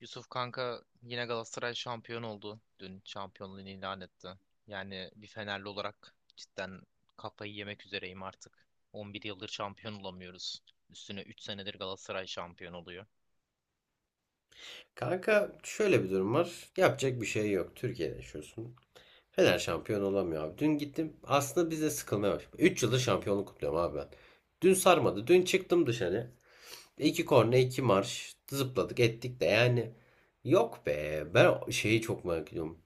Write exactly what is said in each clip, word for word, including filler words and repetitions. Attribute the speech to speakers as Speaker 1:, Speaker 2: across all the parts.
Speaker 1: Yusuf kanka yine Galatasaray şampiyon oldu. Dün şampiyonluğunu ilan etti. Yani bir Fenerli olarak cidden kafayı yemek üzereyim artık. on bir yıldır şampiyon olamıyoruz. Üstüne üç senedir Galatasaray şampiyon oluyor.
Speaker 2: Kanka şöyle bir durum var. Yapacak bir şey yok. Türkiye'de yaşıyorsun. Fener şampiyon olamıyor abi. Dün gittim. Aslında biz de sıkılmaya başladık. üç yıldır şampiyonluk kutluyorum abi ben. Dün sarmadı. Dün çıktım dışarı. İki korne, iki marş. Zıpladık ettik de yani. Yok be. Ben şeyi çok merak ediyorum.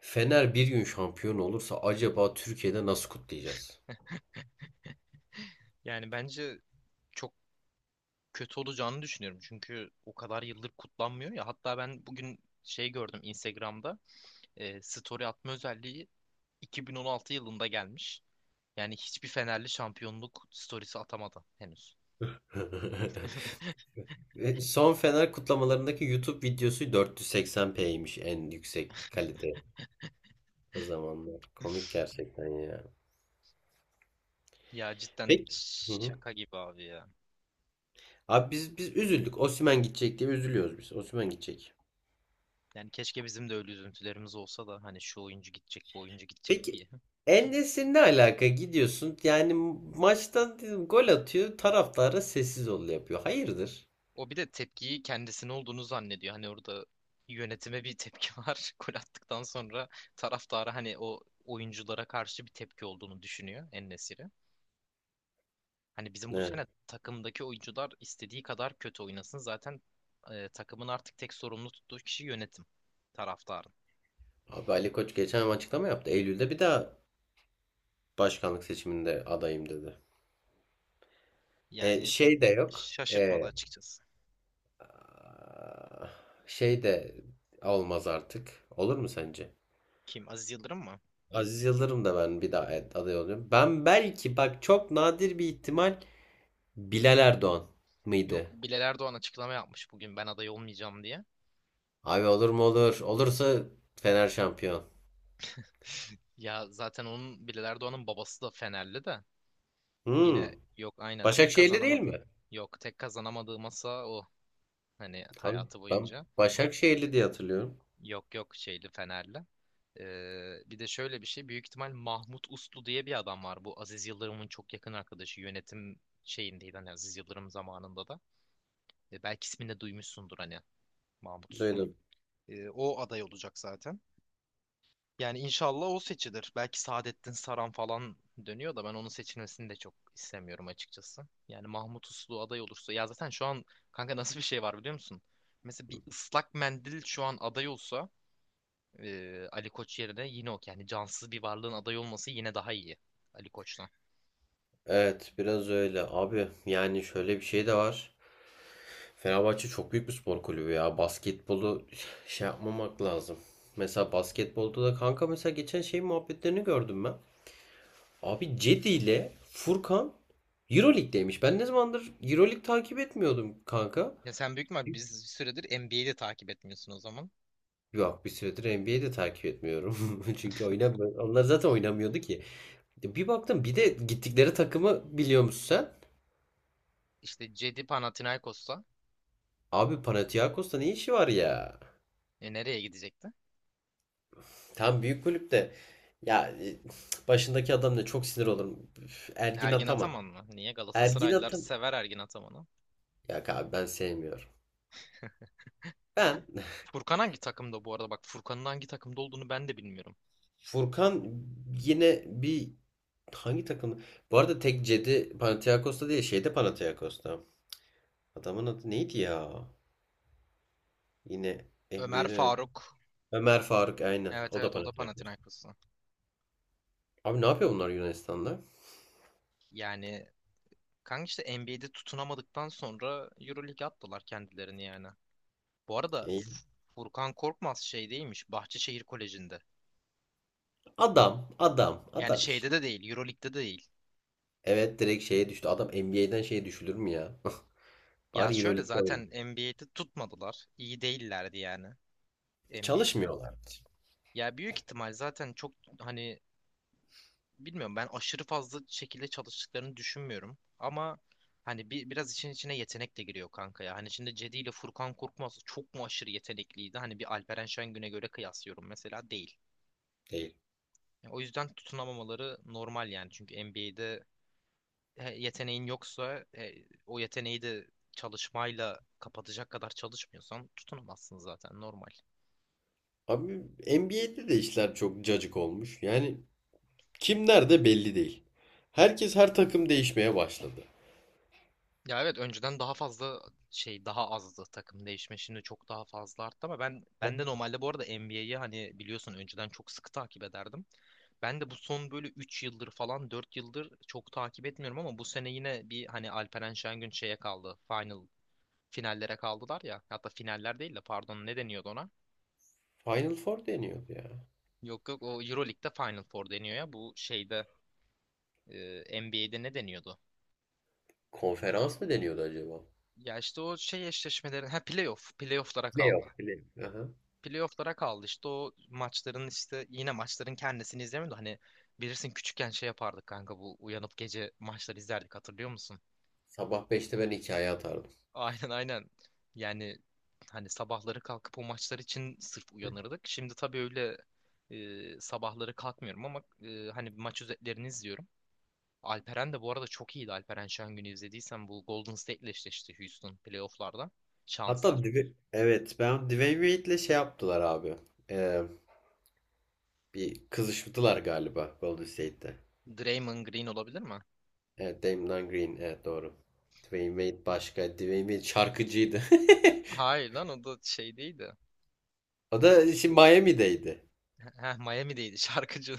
Speaker 2: Fener bir gün şampiyon olursa acaba Türkiye'de nasıl kutlayacağız?
Speaker 1: Yani bence çok kötü olacağını düşünüyorum. Çünkü o kadar yıldır kutlanmıyor ya. Hatta ben bugün şey gördüm Instagram'da. E, story atma özelliği iki bin on altı yılında gelmiş. Yani hiçbir Fenerli şampiyonluk storiesi atamadı henüz.
Speaker 2: Son Fener kutlamalarındaki YouTube videosu dört yüz seksen p'ymiş en yüksek kalite. O zamanlar. Komik gerçekten ya.
Speaker 1: Ya cidden
Speaker 2: Peki. Hı hı.
Speaker 1: şaka gibi abi ya.
Speaker 2: Abi biz biz üzüldük. Osimhen gidecek diye üzülüyoruz biz. Osimhen gidecek.
Speaker 1: Yani keşke bizim de öyle üzüntülerimiz olsa da hani şu oyuncu gidecek, bu oyuncu gidecek
Speaker 2: Peki,
Speaker 1: diye.
Speaker 2: En ne alaka gidiyorsun? Yani maçtan dedim, gol atıyor. Taraftara sessiz ol yapıyor. Hayırdır?
Speaker 1: O bir de tepkiyi kendisine olduğunu zannediyor. Hani orada yönetime bir tepki var. Gol attıktan sonra taraftara hani o oyunculara karşı bir tepki olduğunu düşünüyor en. Hani bizim bu
Speaker 2: Ne?
Speaker 1: sene takımdaki oyuncular istediği kadar kötü oynasın. Zaten e, takımın artık tek sorumlu tuttuğu kişi yönetim, taraftarın.
Speaker 2: Abi Ali Koç geçen ay açıklama yaptı. Eylül'de bir daha başkanlık seçiminde adayım dedi. E,
Speaker 1: Yani
Speaker 2: şey de yok.
Speaker 1: şaşırtmadı
Speaker 2: E,
Speaker 1: açıkçası.
Speaker 2: şey de olmaz artık. Olur mu sence?
Speaker 1: Kim? Aziz Yıldırım mı?
Speaker 2: Aziz Yıldırım da ben bir daha, evet, aday oluyorum. Ben belki bak, çok nadir bir ihtimal, Bilal Erdoğan mıydı?
Speaker 1: Yok, Bilal Erdoğan açıklama yapmış bugün ben aday olmayacağım diye.
Speaker 2: Abi olur mu olur. Olursa Fener şampiyon.
Speaker 1: Ya zaten onun, Bilal Erdoğan'ın babası da Fenerli de.
Speaker 2: Hmm.
Speaker 1: Yine yok, aynen tek
Speaker 2: Başakşehirli değil
Speaker 1: kazanamadı.
Speaker 2: mi?
Speaker 1: Yok, tek kazanamadığı masa o. Hani
Speaker 2: Abi
Speaker 1: hayatı
Speaker 2: ben
Speaker 1: boyunca.
Speaker 2: Başakşehirli diye hatırlıyorum.
Speaker 1: Yok yok, şeyli, Fenerli. Ee, bir de şöyle bir şey. Büyük ihtimal Mahmut Uslu diye bir adam var. Bu Aziz Yıldırım'ın çok yakın arkadaşı. Yönetim şeyindeydi hani, Aziz Yıldırım zamanında da. E, belki ismini de duymuşsundur hani, Mahmut Uslu'nun.
Speaker 2: Duydum.
Speaker 1: E, o aday olacak zaten. Yani inşallah o seçilir. Belki Saadettin Saran falan dönüyor da ben onun seçilmesini de çok istemiyorum açıkçası. Yani Mahmut Uslu aday olursa, ya zaten şu an kanka nasıl bir şey var biliyor musun? Mesela bir ıslak mendil şu an aday olsa e, Ali Koç yerine, yine o yani cansız bir varlığın aday olması yine daha iyi Ali Koç'tan.
Speaker 2: Evet, biraz öyle. Abi yani şöyle bir şey de var. Fenerbahçe çok büyük bir spor kulübü ya. Basketbolu şey yapmamak lazım. Mesela basketbolda da kanka mesela geçen şey muhabbetlerini gördüm ben. Abi Cedi ile Furkan Euroleague'deymiş. Ben ne zamandır Euroleague takip etmiyordum kanka.
Speaker 1: Ya sen büyük mü, biz bir süredir N B A'yi de takip etmiyorsun o zaman.
Speaker 2: Yok, bir süredir N B A'de takip etmiyorum. Çünkü oynamıyor. Onlar zaten oynamıyordu ki. Bir baktım, bir de gittikleri takımı biliyor musun sen?
Speaker 1: İşte Cedi Panathinaikos'ta.
Speaker 2: Abi Panathinaikos'ta ne işi var ya?
Speaker 1: E, nereye gidecekti?
Speaker 2: Tam büyük kulüpte. Ya, e, başındaki adam da çok sinir olurum. Üf, Ergin
Speaker 1: Ergin
Speaker 2: Ataman.
Speaker 1: Ataman mı? Niye
Speaker 2: Ergin
Speaker 1: Galatasaraylılar
Speaker 2: Ataman.
Speaker 1: sever Ergin Ataman'ı?
Speaker 2: Ya abi ben sevmiyorum. Ben
Speaker 1: Furkan hangi takımda bu arada? Bak, Furkan'ın hangi takımda olduğunu ben de bilmiyorum.
Speaker 2: Furkan yine bir, hangi takım? Bu arada tek cedi Panathinaikos'ta değil, şeyde Panathinaikos'ta. Adamın adı neydi ya? Yine
Speaker 1: Ömer
Speaker 2: N B A'de.
Speaker 1: Faruk.
Speaker 2: Ömer Faruk, aynen.
Speaker 1: Evet
Speaker 2: O da
Speaker 1: evet, o da
Speaker 2: Panathinaikos.
Speaker 1: Panathinaikos'ta.
Speaker 2: Abi ne yapıyor bunlar Yunanistan'da?
Speaker 1: Yani kanka, işte N B A'de tutunamadıktan sonra EuroLeague'e attılar kendilerini yani. Bu arada
Speaker 2: E,
Speaker 1: F- Furkan Korkmaz şey değilmiş, Bahçeşehir Koleji'nde.
Speaker 2: adam, adam,
Speaker 1: Yani
Speaker 2: adam işte.
Speaker 1: şeyde de değil, EuroLeague'de de değil.
Speaker 2: Evet, direkt şeye düştü. Adam N B A'den şeye düşülür mü ya?
Speaker 1: Ya
Speaker 2: Bari
Speaker 1: şöyle,
Speaker 2: EuroLeague'de oyna.
Speaker 1: zaten N B A'de tutmadılar. İyi değillerdi yani N B A'de.
Speaker 2: Çalışmıyorlar.
Speaker 1: Ya büyük ihtimal zaten çok, hani bilmiyorum, ben aşırı fazla şekilde çalıştıklarını düşünmüyorum. Ama hani bir, biraz işin içine yetenek de giriyor kanka ya. Hani şimdi Cedi ile Furkan Korkmaz çok mu aşırı yetenekliydi? Hani bir Alperen Şengün'e göre kıyaslıyorum mesela, değil.
Speaker 2: Değil.
Speaker 1: Yani o yüzden tutunamamaları normal yani. Çünkü N B A'de yeteneğin yoksa, e, o yeteneği de çalışmayla kapatacak kadar çalışmıyorsan tutunamazsın zaten, normal.
Speaker 2: Abi N B A'de de işler çok cacık olmuş. Yani kim nerede belli değil. Herkes her takım değişmeye başladı.
Speaker 1: Ya evet, önceden daha fazla şey daha azdı, takım değişme şimdi çok daha fazla arttı. Ama ben ben de normalde bu arada N B A'yi, hani biliyorsun, önceden çok sıkı takip ederdim. Ben de bu son böyle üç yıldır falan, dört yıldır çok takip etmiyorum ama bu sene yine bir, hani Alperen Şengün şeye kaldı. Final finallere kaldılar ya. Hatta finaller değil de, pardon, ne deniyordu ona?
Speaker 2: Final Four deniyordu ya.
Speaker 1: Yok yok, o EuroLeague'de Final Four deniyor ya. Bu şeyde, e, N B A'de ne deniyordu?
Speaker 2: Konferans mı deniyordu acaba?
Speaker 1: Ya işte o şey eşleşmelerin, ha, playoff playoff'lara kaldı.
Speaker 2: Playoff, playoff. Aha.
Speaker 1: Playoff'lara kaldı işte, o maçların işte, yine maçların kendisini izlemiyordu. Hani bilirsin, küçükken şey yapardık kanka, bu uyanıp gece maçları izlerdik, hatırlıyor musun?
Speaker 2: Sabah beşte ben hikaye atardım.
Speaker 1: Aynen aynen. Yani hani sabahları kalkıp o maçlar için sırf uyanırdık. Şimdi tabii öyle e, sabahları kalkmıyorum ama e, hani maç özetlerini izliyorum. Alperen de bu arada çok iyiydi. Alperen Şengün'ü izlediysen, bu Golden State'le eşleşti Houston playoff'larda,
Speaker 2: Hatta
Speaker 1: şansa.
Speaker 2: Dwe- evet, ben Dwayne Wade'le şey yaptılar abi. Ee, Bir kızıştılar galiba Golden State'te.
Speaker 1: Draymond Green olabilir mi?
Speaker 2: Evet, Damian Green, evet doğru. Dwayne Wade başka. Dwayne Wade şarkıcıydı.
Speaker 1: Hayır lan, o da şey değildi.
Speaker 2: O
Speaker 1: E,
Speaker 2: da şimdi Miami'deydi.
Speaker 1: Heh, Miami'deydi şarkıcı.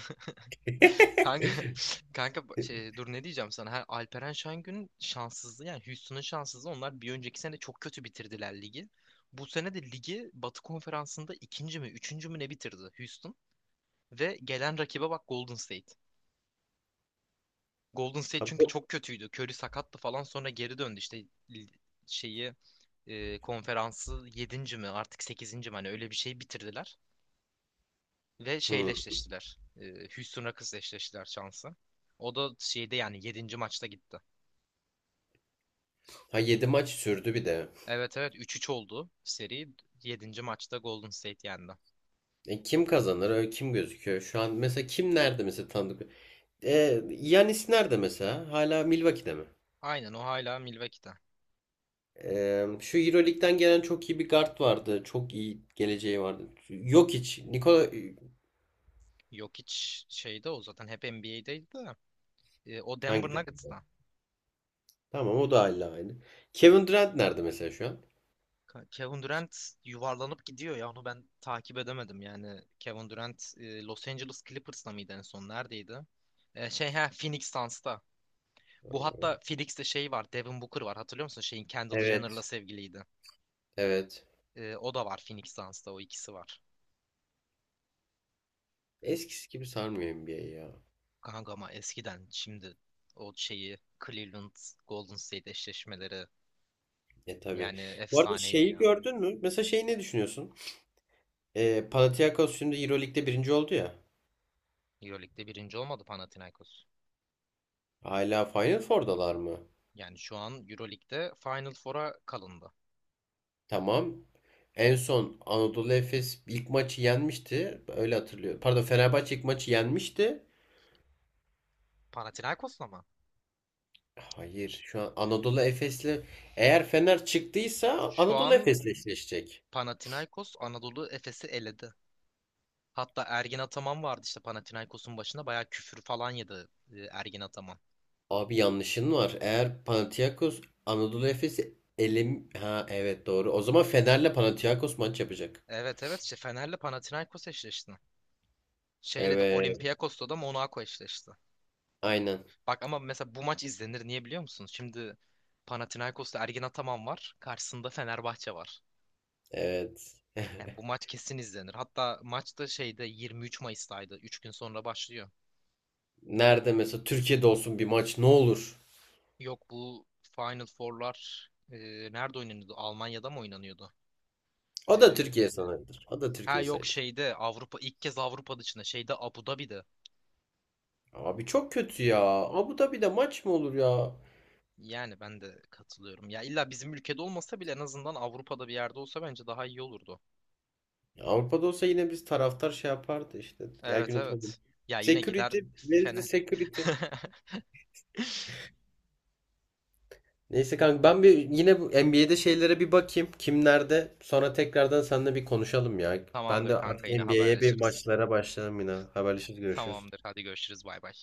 Speaker 1: Kanka, kanka bu- şey, dur ne diyeceğim sana. Ha, Alperen Şengün şanssızlığı yani, Houston'ın şanssızlığı. Onlar bir önceki sene çok kötü bitirdiler ligi. Bu sene de ligi Batı Konferansı'nda ikinci mi üçüncü mü ne bitirdi Houston. Ve gelen rakibe bak, Golden State. Golden State
Speaker 2: Ha,
Speaker 1: çünkü
Speaker 2: bu-
Speaker 1: çok kötüydü. Curry sakattı falan, sonra geri döndü işte. li- Şeyi, e, konferansı yedinci mi artık, sekizinci mi, hani öyle bir şey bitirdiler. Ve şeyle
Speaker 2: Hmm.
Speaker 1: eşleştiler. E, Houston Rockets'la eşleştiler, şansı. O da şeyde yani yedinci maçta gitti.
Speaker 2: Ha, yedi maç sürdü bir de.
Speaker 1: Evet evet, üç üç oldu seri. Yedinci maçta Golden State yendi.
Speaker 2: E, kim kazanır? Öyle kim gözüküyor? Şu an mesela kim nerede mesela, tanıdık? E, Giannis nerede mesela? Hala Milwaukee'de mi?
Speaker 1: Aynen, o hala Milwaukee'de.
Speaker 2: E, şu Euroleague'den gelen çok iyi bir guard vardı. Çok iyi geleceği vardı. Yok, hiç. Nikola, e,
Speaker 1: Jokic şeyde, o zaten hep N B A'deydi de. E, o Denver
Speaker 2: hangi takım?
Speaker 1: Nuggets'ta.
Speaker 2: Tamam, o da hala aynı. Kevin Durant nerede mesela şu an?
Speaker 1: Ka- Kevin Durant yuvarlanıp gidiyor ya, onu ben takip edemedim yani. Kevin Durant, e, Los Angeles Clippers'ta mıydı, en son neredeydi? E, şey, ha, Phoenix Suns'ta. Bu hatta Phoenix'te şey var, Devin Booker var. Hatırlıyor musun? Şeyin, Kendall Jenner'la
Speaker 2: Evet.
Speaker 1: sevgiliydi.
Speaker 2: Evet.
Speaker 1: Ee, o da var Phoenix Suns'ta. O ikisi var.
Speaker 2: Eskisi gibi sarmıyor N B A ya.
Speaker 1: Kanka ama eskiden, şimdi o şeyi, Cleveland Golden State eşleşmeleri
Speaker 2: E tabii.
Speaker 1: yani,
Speaker 2: Bu arada
Speaker 1: efsaneydi
Speaker 2: şeyi
Speaker 1: ya.
Speaker 2: gördün mü? Mesela şeyi ne düşünüyorsun? E, Panathinaikos şimdi Euroleague'de birinci oldu ya.
Speaker 1: Euroleague'de birinci olmadı Panathinaikos.
Speaker 2: Hala Final Four'dalar mı?
Speaker 1: Yani şu an Euroleague'de Final Four'a kalındı.
Speaker 2: Tamam. En son Anadolu Efes ilk maçı yenmişti. Öyle hatırlıyorum. Pardon, Fenerbahçe ilk maçı yenmişti.
Speaker 1: Panathinaikos'la mı?
Speaker 2: Hayır, şu an Anadolu Efes'le, eğer Fener çıktıysa
Speaker 1: Şu
Speaker 2: Anadolu
Speaker 1: an
Speaker 2: Efes'le eşleşecek.
Speaker 1: Panathinaikos Anadolu Efes'i eledi. Hatta Ergin Ataman vardı işte Panathinaikos'un başında, bayağı küfür falan yedi e, Ergin Ataman.
Speaker 2: Abi yanlışın var. Eğer Panathinaikos Anadolu Efes'i elim, ha evet doğru. O zaman Fener'le Panathinaikos maç yapacak.
Speaker 1: Evet evet, işte Fener'le Panathinaikos eşleşti. Şeyle de,
Speaker 2: Evet,
Speaker 1: Olympiakos'la da Monaco eşleşti.
Speaker 2: aynen.
Speaker 1: Bak ama mesela bu maç izlenir, niye biliyor musunuz? Şimdi Panathinaikos'ta Ergin Ataman var. Karşısında Fenerbahçe var.
Speaker 2: Evet.
Speaker 1: Yani bu maç kesin izlenir. Hatta maç da şeyde yirmi üç Mayıs'taydı. Üç gün sonra başlıyor.
Speaker 2: Nerede mesela, Türkiye'de olsun bir maç ne olur?
Speaker 1: Yok, bu Final Four'lar e, nerede oynanıyordu? Almanya'da mı oynanıyordu? E,
Speaker 2: O da Türkiye sayılır. O da
Speaker 1: ha
Speaker 2: Türkiye
Speaker 1: yok
Speaker 2: sayılır.
Speaker 1: şeyde Avrupa, ilk kez Avrupa dışında şeyde, Abu Dhabi'de.
Speaker 2: Abi çok kötü ya. Abu Dhabi'de maç mı olur ya?
Speaker 1: Yani ben de katılıyorum. Ya illa bizim ülkede olmasa bile, en azından Avrupa'da bir yerde olsa bence daha iyi olurdu.
Speaker 2: Avrupa'da olsa yine biz taraftar şey yapardı işte. Her gün
Speaker 1: Evet
Speaker 2: atamadım.
Speaker 1: evet. Ya yine gider
Speaker 2: Security. Where is the
Speaker 1: Fener.
Speaker 2: security? Neyse kanka, ben bir yine bu N B A'de şeylere bir bakayım. Kim nerede? Sonra tekrardan seninle bir konuşalım ya. Ben
Speaker 1: Tamamdır
Speaker 2: de
Speaker 1: kanka,
Speaker 2: artık
Speaker 1: yine
Speaker 2: N B A'ye bir
Speaker 1: haberleşiriz.
Speaker 2: maçlara başlayalım yine. Haberleşiriz, görüşürüz.
Speaker 1: Tamamdır, hadi görüşürüz, bay bay.